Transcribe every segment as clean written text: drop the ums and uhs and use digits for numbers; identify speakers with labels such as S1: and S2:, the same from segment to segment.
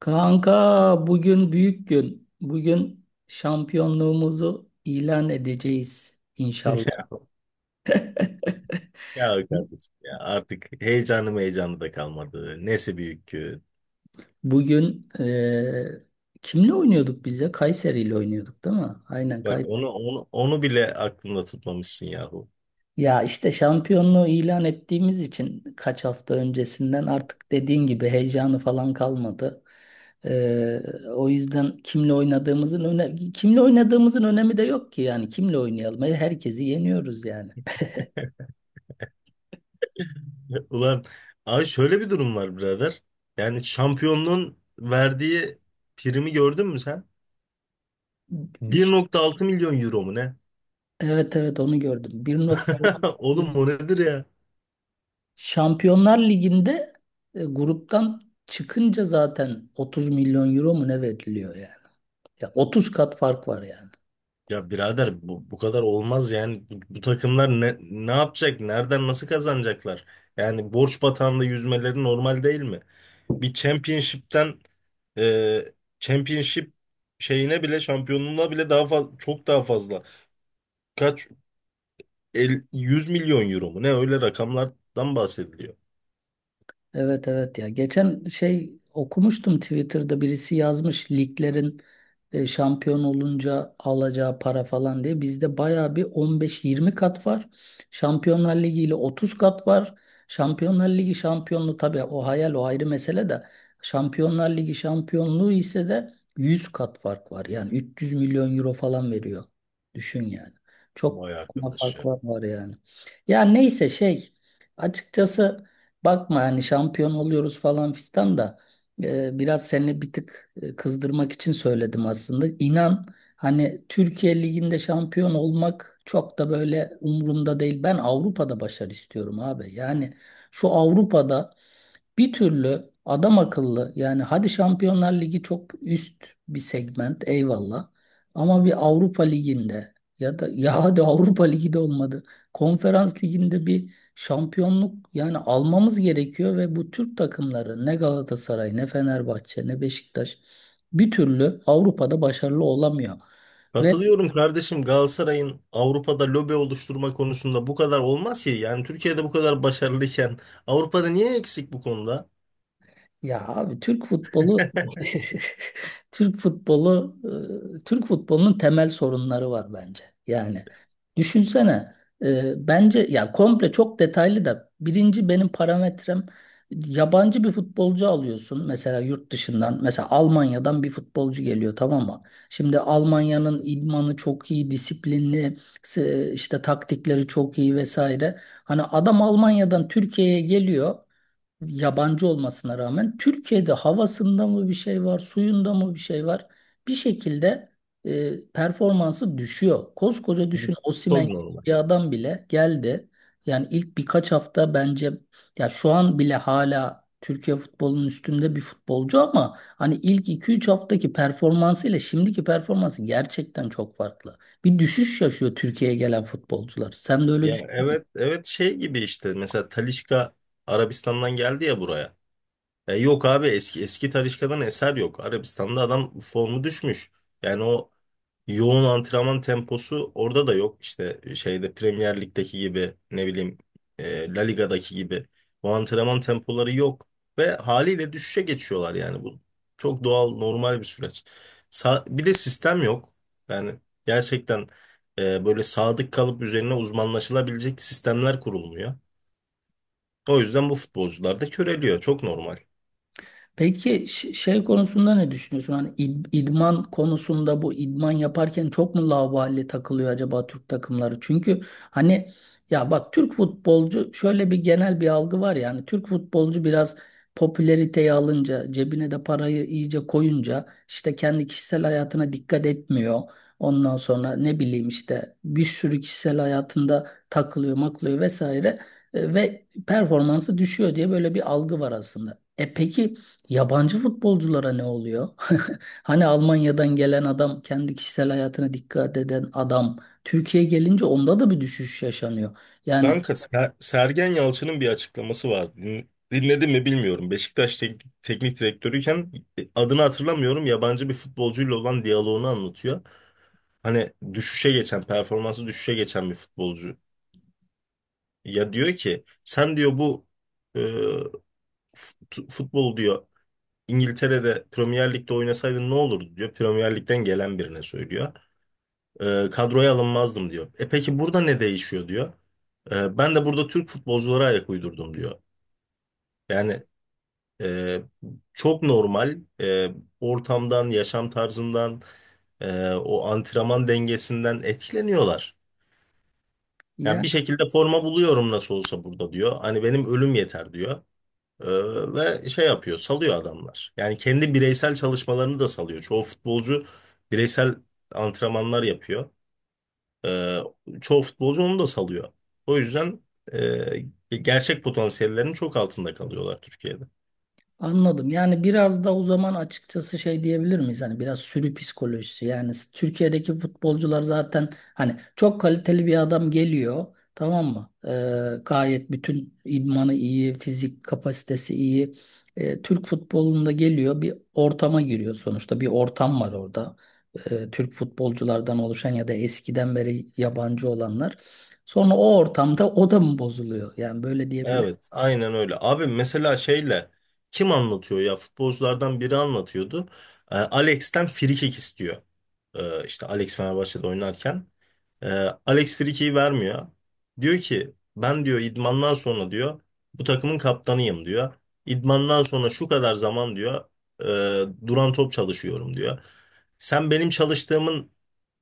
S1: Kanka bugün büyük gün. Bugün şampiyonluğumuzu ilan edeceğiz
S2: Ya,
S1: inşallah.
S2: ya kardeşim ya artık heyecanı da kalmadı. Nesi büyük ki?
S1: Bugün kimle oynuyorduk biz ya? Kayseri ile oynuyorduk değil mi? Aynen
S2: Bak
S1: Kayseri.
S2: onu bile aklında tutmamışsın yahu.
S1: Ya işte şampiyonluğu ilan ettiğimiz için kaç hafta öncesinden artık dediğin gibi heyecanı falan kalmadı. Eee, o yüzden kimle oynadığımızın önemi de yok ki yani kimle oynayalım. Herkesi yeniyoruz yani.
S2: Ulan abi şöyle bir durum var birader. Yani şampiyonluğun verdiği primi gördün mü sen? 1.6 milyon euro mu ne?
S1: Evet, evet, onu gördüm. Bir nokta
S2: Oğlum o nedir ya?
S1: Şampiyonlar Ligi'nde gruptan çıkınca zaten 30 milyon euro mu ne veriliyor yani? Ya 30 kat fark var yani.
S2: Ya birader bu kadar olmaz yani bu takımlar ne yapacak? Nereden nasıl kazanacaklar? Yani borç batağında yüzmeleri normal değil mi? Bir championship'ten e, championship şeyine bile şampiyonluğuna bile daha fazla çok daha fazla. Kaç el, 100 milyon euro mu? Ne öyle rakamlardan bahsediliyor.
S1: Evet, evet, ya geçen şey okumuştum Twitter'da birisi yazmış liglerin şampiyon olunca alacağı para falan diye bizde baya bir 15-20 kat var. Şampiyonlar Ligi ile 30 kat var. Şampiyonlar Ligi şampiyonluğu tabii o hayal, o ayrı mesele de Şampiyonlar Ligi şampiyonluğu ise de 100 kat fark var. Yani 300 milyon euro falan veriyor. Düşün yani. Çok
S2: Vay arkadaş
S1: fark
S2: ya.
S1: var yani. Ya neyse şey açıkçası bakma hani şampiyon oluyoruz falan fistan da biraz seni bir tık kızdırmak için söyledim aslında. İnan hani Türkiye Ligi'nde şampiyon olmak çok da böyle umurumda değil. Ben Avrupa'da başarı istiyorum abi. Yani şu Avrupa'da bir türlü adam akıllı yani hadi Şampiyonlar Ligi çok üst bir segment eyvallah ama bir Avrupa Ligi'nde ya da ya hadi Avrupa Ligi de olmadı. Konferans Ligi'nde bir şampiyonluk yani almamız gerekiyor ve bu Türk takımları ne Galatasaray ne Fenerbahçe ne Beşiktaş bir türlü Avrupa'da başarılı olamıyor. Ve
S2: Katılıyorum kardeşim, Galatasaray'ın Avrupa'da lobi oluşturma konusunda bu kadar olmaz ki. Yani Türkiye'de bu kadar başarılıyken Avrupa'da niye eksik bu konuda?
S1: ya abi Türk futbolu. Türk futbolu, Türk futbolunun temel sorunları var bence. Yani düşünsene, bence ya komple çok detaylı da birinci benim parametrem, yabancı bir futbolcu alıyorsun mesela yurt dışından, mesela Almanya'dan bir futbolcu geliyor, tamam mı? Şimdi Almanya'nın idmanı çok iyi, disiplinli, işte taktikleri çok iyi vesaire. Hani adam Almanya'dan Türkiye'ye geliyor, yabancı olmasına rağmen Türkiye'de havasında mı bir şey var, suyunda mı bir şey var? Bir şekilde performansı düşüyor. Koskoca düşün, Osimhen
S2: Çok
S1: gibi
S2: normal.
S1: bir adam bile geldi. Yani ilk birkaç hafta bence, ya şu an bile hala Türkiye futbolunun üstünde bir futbolcu ama hani ilk iki üç haftaki performansı ile şimdiki performansı gerçekten çok farklı. Bir düşüş yaşıyor Türkiye'ye gelen futbolcular. Sen de öyle.
S2: Ya, evet evet, şey gibi işte mesela Talisca Arabistan'dan geldi ya buraya. Ya yok abi, eski Talisca'dan eser yok. Arabistan'da adam formu düşmüş. Yani o yoğun antrenman temposu orada da yok. İşte şeyde Premier Lig'deki gibi ne bileyim La Liga'daki gibi bu antrenman tempoları yok ve haliyle düşüşe geçiyorlar. Yani bu çok doğal normal bir süreç. Bir de sistem yok. Yani gerçekten böyle sadık kalıp üzerine uzmanlaşılabilecek sistemler kurulmuyor. O yüzden bu futbolcular da köreliyor. Çok normal.
S1: Peki şey konusunda ne düşünüyorsun? Hani idman konusunda, bu idman yaparken çok mu laubali takılıyor acaba Türk takımları? Çünkü hani, ya bak, Türk futbolcu şöyle bir genel bir algı var yani, Türk futbolcu biraz popülariteyi alınca, cebine de parayı iyice koyunca işte kendi kişisel hayatına dikkat etmiyor. Ondan sonra ne bileyim işte bir sürü kişisel hayatında takılıyor, maklıyor vesaire. Ve performansı düşüyor diye böyle bir algı var aslında. E peki yabancı futbolculara ne oluyor? Hani Almanya'dan gelen adam, kendi kişisel hayatına dikkat eden adam, Türkiye'ye gelince onda da bir düşüş yaşanıyor. Yani
S2: Kanka Sergen Yalçın'ın bir açıklaması var. Dinledin mi bilmiyorum. Beşiktaş teknik direktörüyken adını hatırlamıyorum. Yabancı bir futbolcuyla olan diyaloğunu anlatıyor. Hani düşüşe geçen, performansı düşüşe geçen bir futbolcu. Ya diyor ki, sen diyor bu e, fut- futbol diyor İngiltere'de Premier Lig'de oynasaydın ne olurdu diyor. Premier Lig'den gelen birine söylüyor. E, kadroya alınmazdım diyor. E peki burada ne değişiyor diyor. E, ben de burada Türk futbolculara ayak uydurdum diyor. Yani Ee, çok normal, ortamdan, yaşam tarzından, o antrenman dengesinden etkileniyorlar. Yani
S1: ya,
S2: bir şekilde forma buluyorum nasıl olsa burada diyor. Hani benim ölüm yeter diyor. Ee, Ve şey yapıyor, salıyor adamlar. Yani kendi bireysel çalışmalarını da salıyor. Çoğu futbolcu bireysel antrenmanlar yapıyor. Ee, Çoğu futbolcu onu da salıyor. O yüzden gerçek potansiyellerinin çok altında kalıyorlar Türkiye'de.
S1: anladım. Yani biraz da o zaman açıkçası şey diyebilir miyiz? Hani biraz sürü psikolojisi. Yani Türkiye'deki futbolcular zaten hani çok kaliteli bir adam geliyor. Tamam mı? Gayet bütün idmanı iyi, fizik kapasitesi iyi. Türk futbolunda geliyor bir ortama giriyor sonuçta. Bir ortam var orada. Türk futbolculardan oluşan ya da eskiden beri yabancı olanlar. Sonra o ortamda o da mı bozuluyor? Yani böyle diyebilir.
S2: Evet, aynen öyle. Abi mesela şeyle kim anlatıyor ya? Futbolculardan biri anlatıyordu. Alex'ten frikik istiyor. İşte Alex Fenerbahçe'de oynarken. Ee, Alex frikiği vermiyor. Diyor ki ben diyor idmandan sonra diyor bu takımın kaptanıyım diyor. İdmandan sonra şu kadar zaman diyor e, duran top çalışıyorum diyor. Sen benim çalıştığımın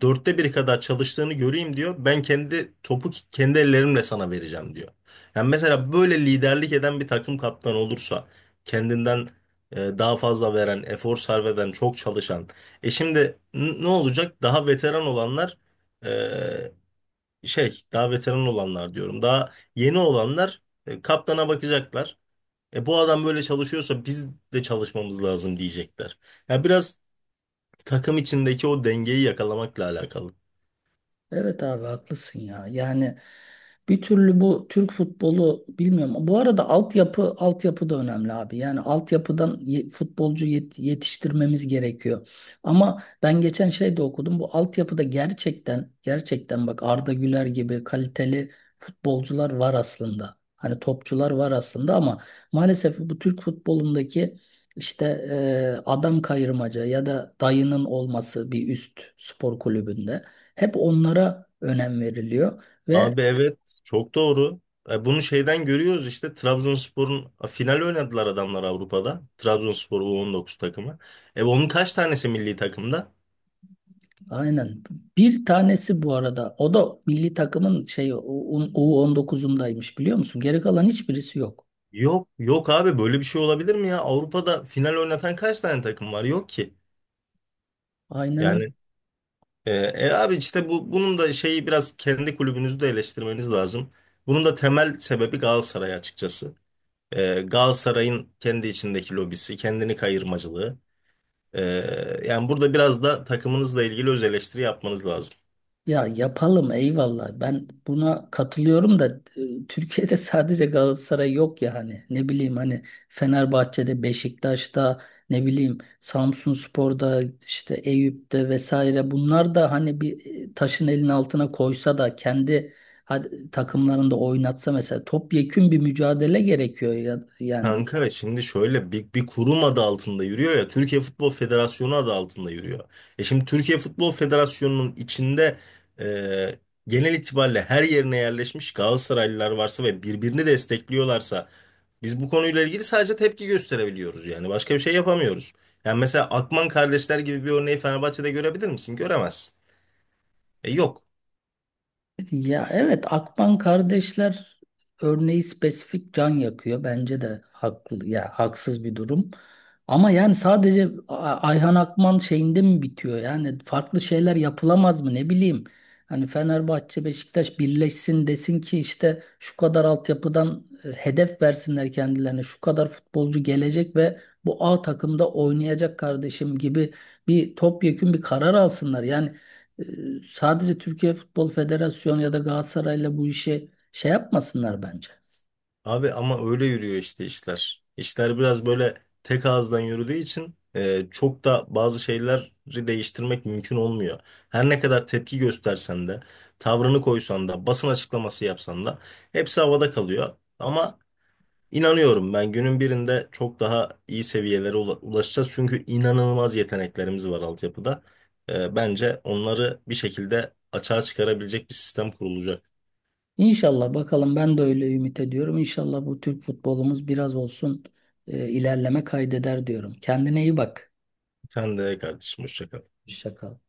S2: dörtte biri kadar çalıştığını göreyim diyor. Ben kendi topu kendi ellerimle sana vereceğim diyor. Yani mesela böyle liderlik eden bir takım kaptanı olursa, kendinden daha fazla veren, efor sarf eden, çok çalışan. E şimdi ne olacak? Daha veteran olanlar, e, daha veteran olanlar diyorum. Daha yeni olanlar kaptana bakacaklar. E bu adam böyle çalışıyorsa biz de çalışmamız lazım diyecekler. Ya biraz takım içindeki o dengeyi yakalamakla alakalı.
S1: Evet abi, haklısın ya. Yani bir türlü bu Türk futbolu, bilmiyorum. Bu arada altyapı, altyapı da önemli abi. Yani altyapıdan futbolcu yetiştirmemiz gerekiyor. Ama ben geçen şey de okudum. Bu altyapıda gerçekten, gerçekten bak Arda Güler gibi kaliteli futbolcular var aslında. Hani topçular var aslında ama maalesef bu Türk futbolundaki işte adam kayırmaca ya da dayının olması bir üst spor kulübünde. Hep onlara önem veriliyor ve
S2: Abi evet, çok doğru. E, bunu şeyden görüyoruz işte, Trabzonspor'un final oynadılar adamlar Avrupa'da. Trabzonspor U19 takımı. E onun kaç tanesi milli takımda?
S1: aynen, bir tanesi bu arada o da milli takımın şey on dokuzundaymış biliyor musun? Geri kalan hiçbirisi yok.
S2: Yok yok abi, böyle bir şey olabilir mi ya? Avrupa'da final oynatan kaç tane takım var? Yok ki. Yani
S1: Aynen.
S2: abi işte bu bunun da şeyi, biraz kendi kulübünüzü de eleştirmeniz lazım. Bunun da temel sebebi Galatasaray açıkçası. E, Galatasaray'ın kendi içindeki lobisi, kendini kayırmacılığı. Ee, Yani burada biraz da takımınızla ilgili öz eleştiri yapmanız lazım.
S1: Ya yapalım, eyvallah. Ben buna katılıyorum da Türkiye'de sadece Galatasaray yok ya, hani ne bileyim hani, Fenerbahçe'de, Beşiktaş'ta, ne bileyim Samsunspor'da, işte Eyüp'te vesaire, bunlar da hani bir taşın elinin altına koysa da kendi, hadi, takımlarında oynatsa mesela, topyekün bir mücadele gerekiyor ya yani.
S2: Kanka şimdi şöyle bir kurum adı altında yürüyor ya, Türkiye Futbol Federasyonu adı altında yürüyor. E şimdi Türkiye Futbol Federasyonu'nun içinde e, genel itibariyle her yerine yerleşmiş Galatasaraylılar varsa ve birbirini destekliyorlarsa biz bu konuyla ilgili sadece tepki gösterebiliyoruz, yani başka bir şey yapamıyoruz. Yani mesela Akman kardeşler gibi bir örneği Fenerbahçe'de görebilir misin? Göremezsin. E yok.
S1: Ya evet, Akban kardeşler örneği spesifik can yakıyor. Bence de haklı ya haksız bir durum. Ama yani sadece Ayhan Akman şeyinde mi bitiyor? Yani farklı şeyler yapılamaz mı, ne bileyim. Hani Fenerbahçe Beşiktaş birleşsin desin ki işte şu kadar altyapıdan hedef versinler kendilerine. Şu kadar futbolcu gelecek ve bu A takımda oynayacak kardeşim gibi bir topyekün bir karar alsınlar. Yani e, sadece Türkiye Futbol Federasyonu ya da Galatasaray'la bu işe şey yapmasınlar bence.
S2: Abi ama öyle yürüyor işte işler. İşler biraz böyle tek ağızdan yürüdüğü için çok da bazı şeyleri değiştirmek mümkün olmuyor. Her ne kadar tepki göstersen de, tavrını koysan da, basın açıklaması yapsan da hepsi havada kalıyor. Ama inanıyorum ben, günün birinde çok daha iyi seviyelere ulaşacağız. Çünkü inanılmaz yeteneklerimiz var altyapıda. E, bence onları bir şekilde açığa çıkarabilecek bir sistem kurulacak.
S1: İnşallah bakalım, ben de öyle ümit ediyorum. İnşallah bu Türk futbolumuz biraz olsun ilerleme kaydeder diyorum. Kendine iyi bak.
S2: Sen de kardeşim, hoşça kal.
S1: Şaka.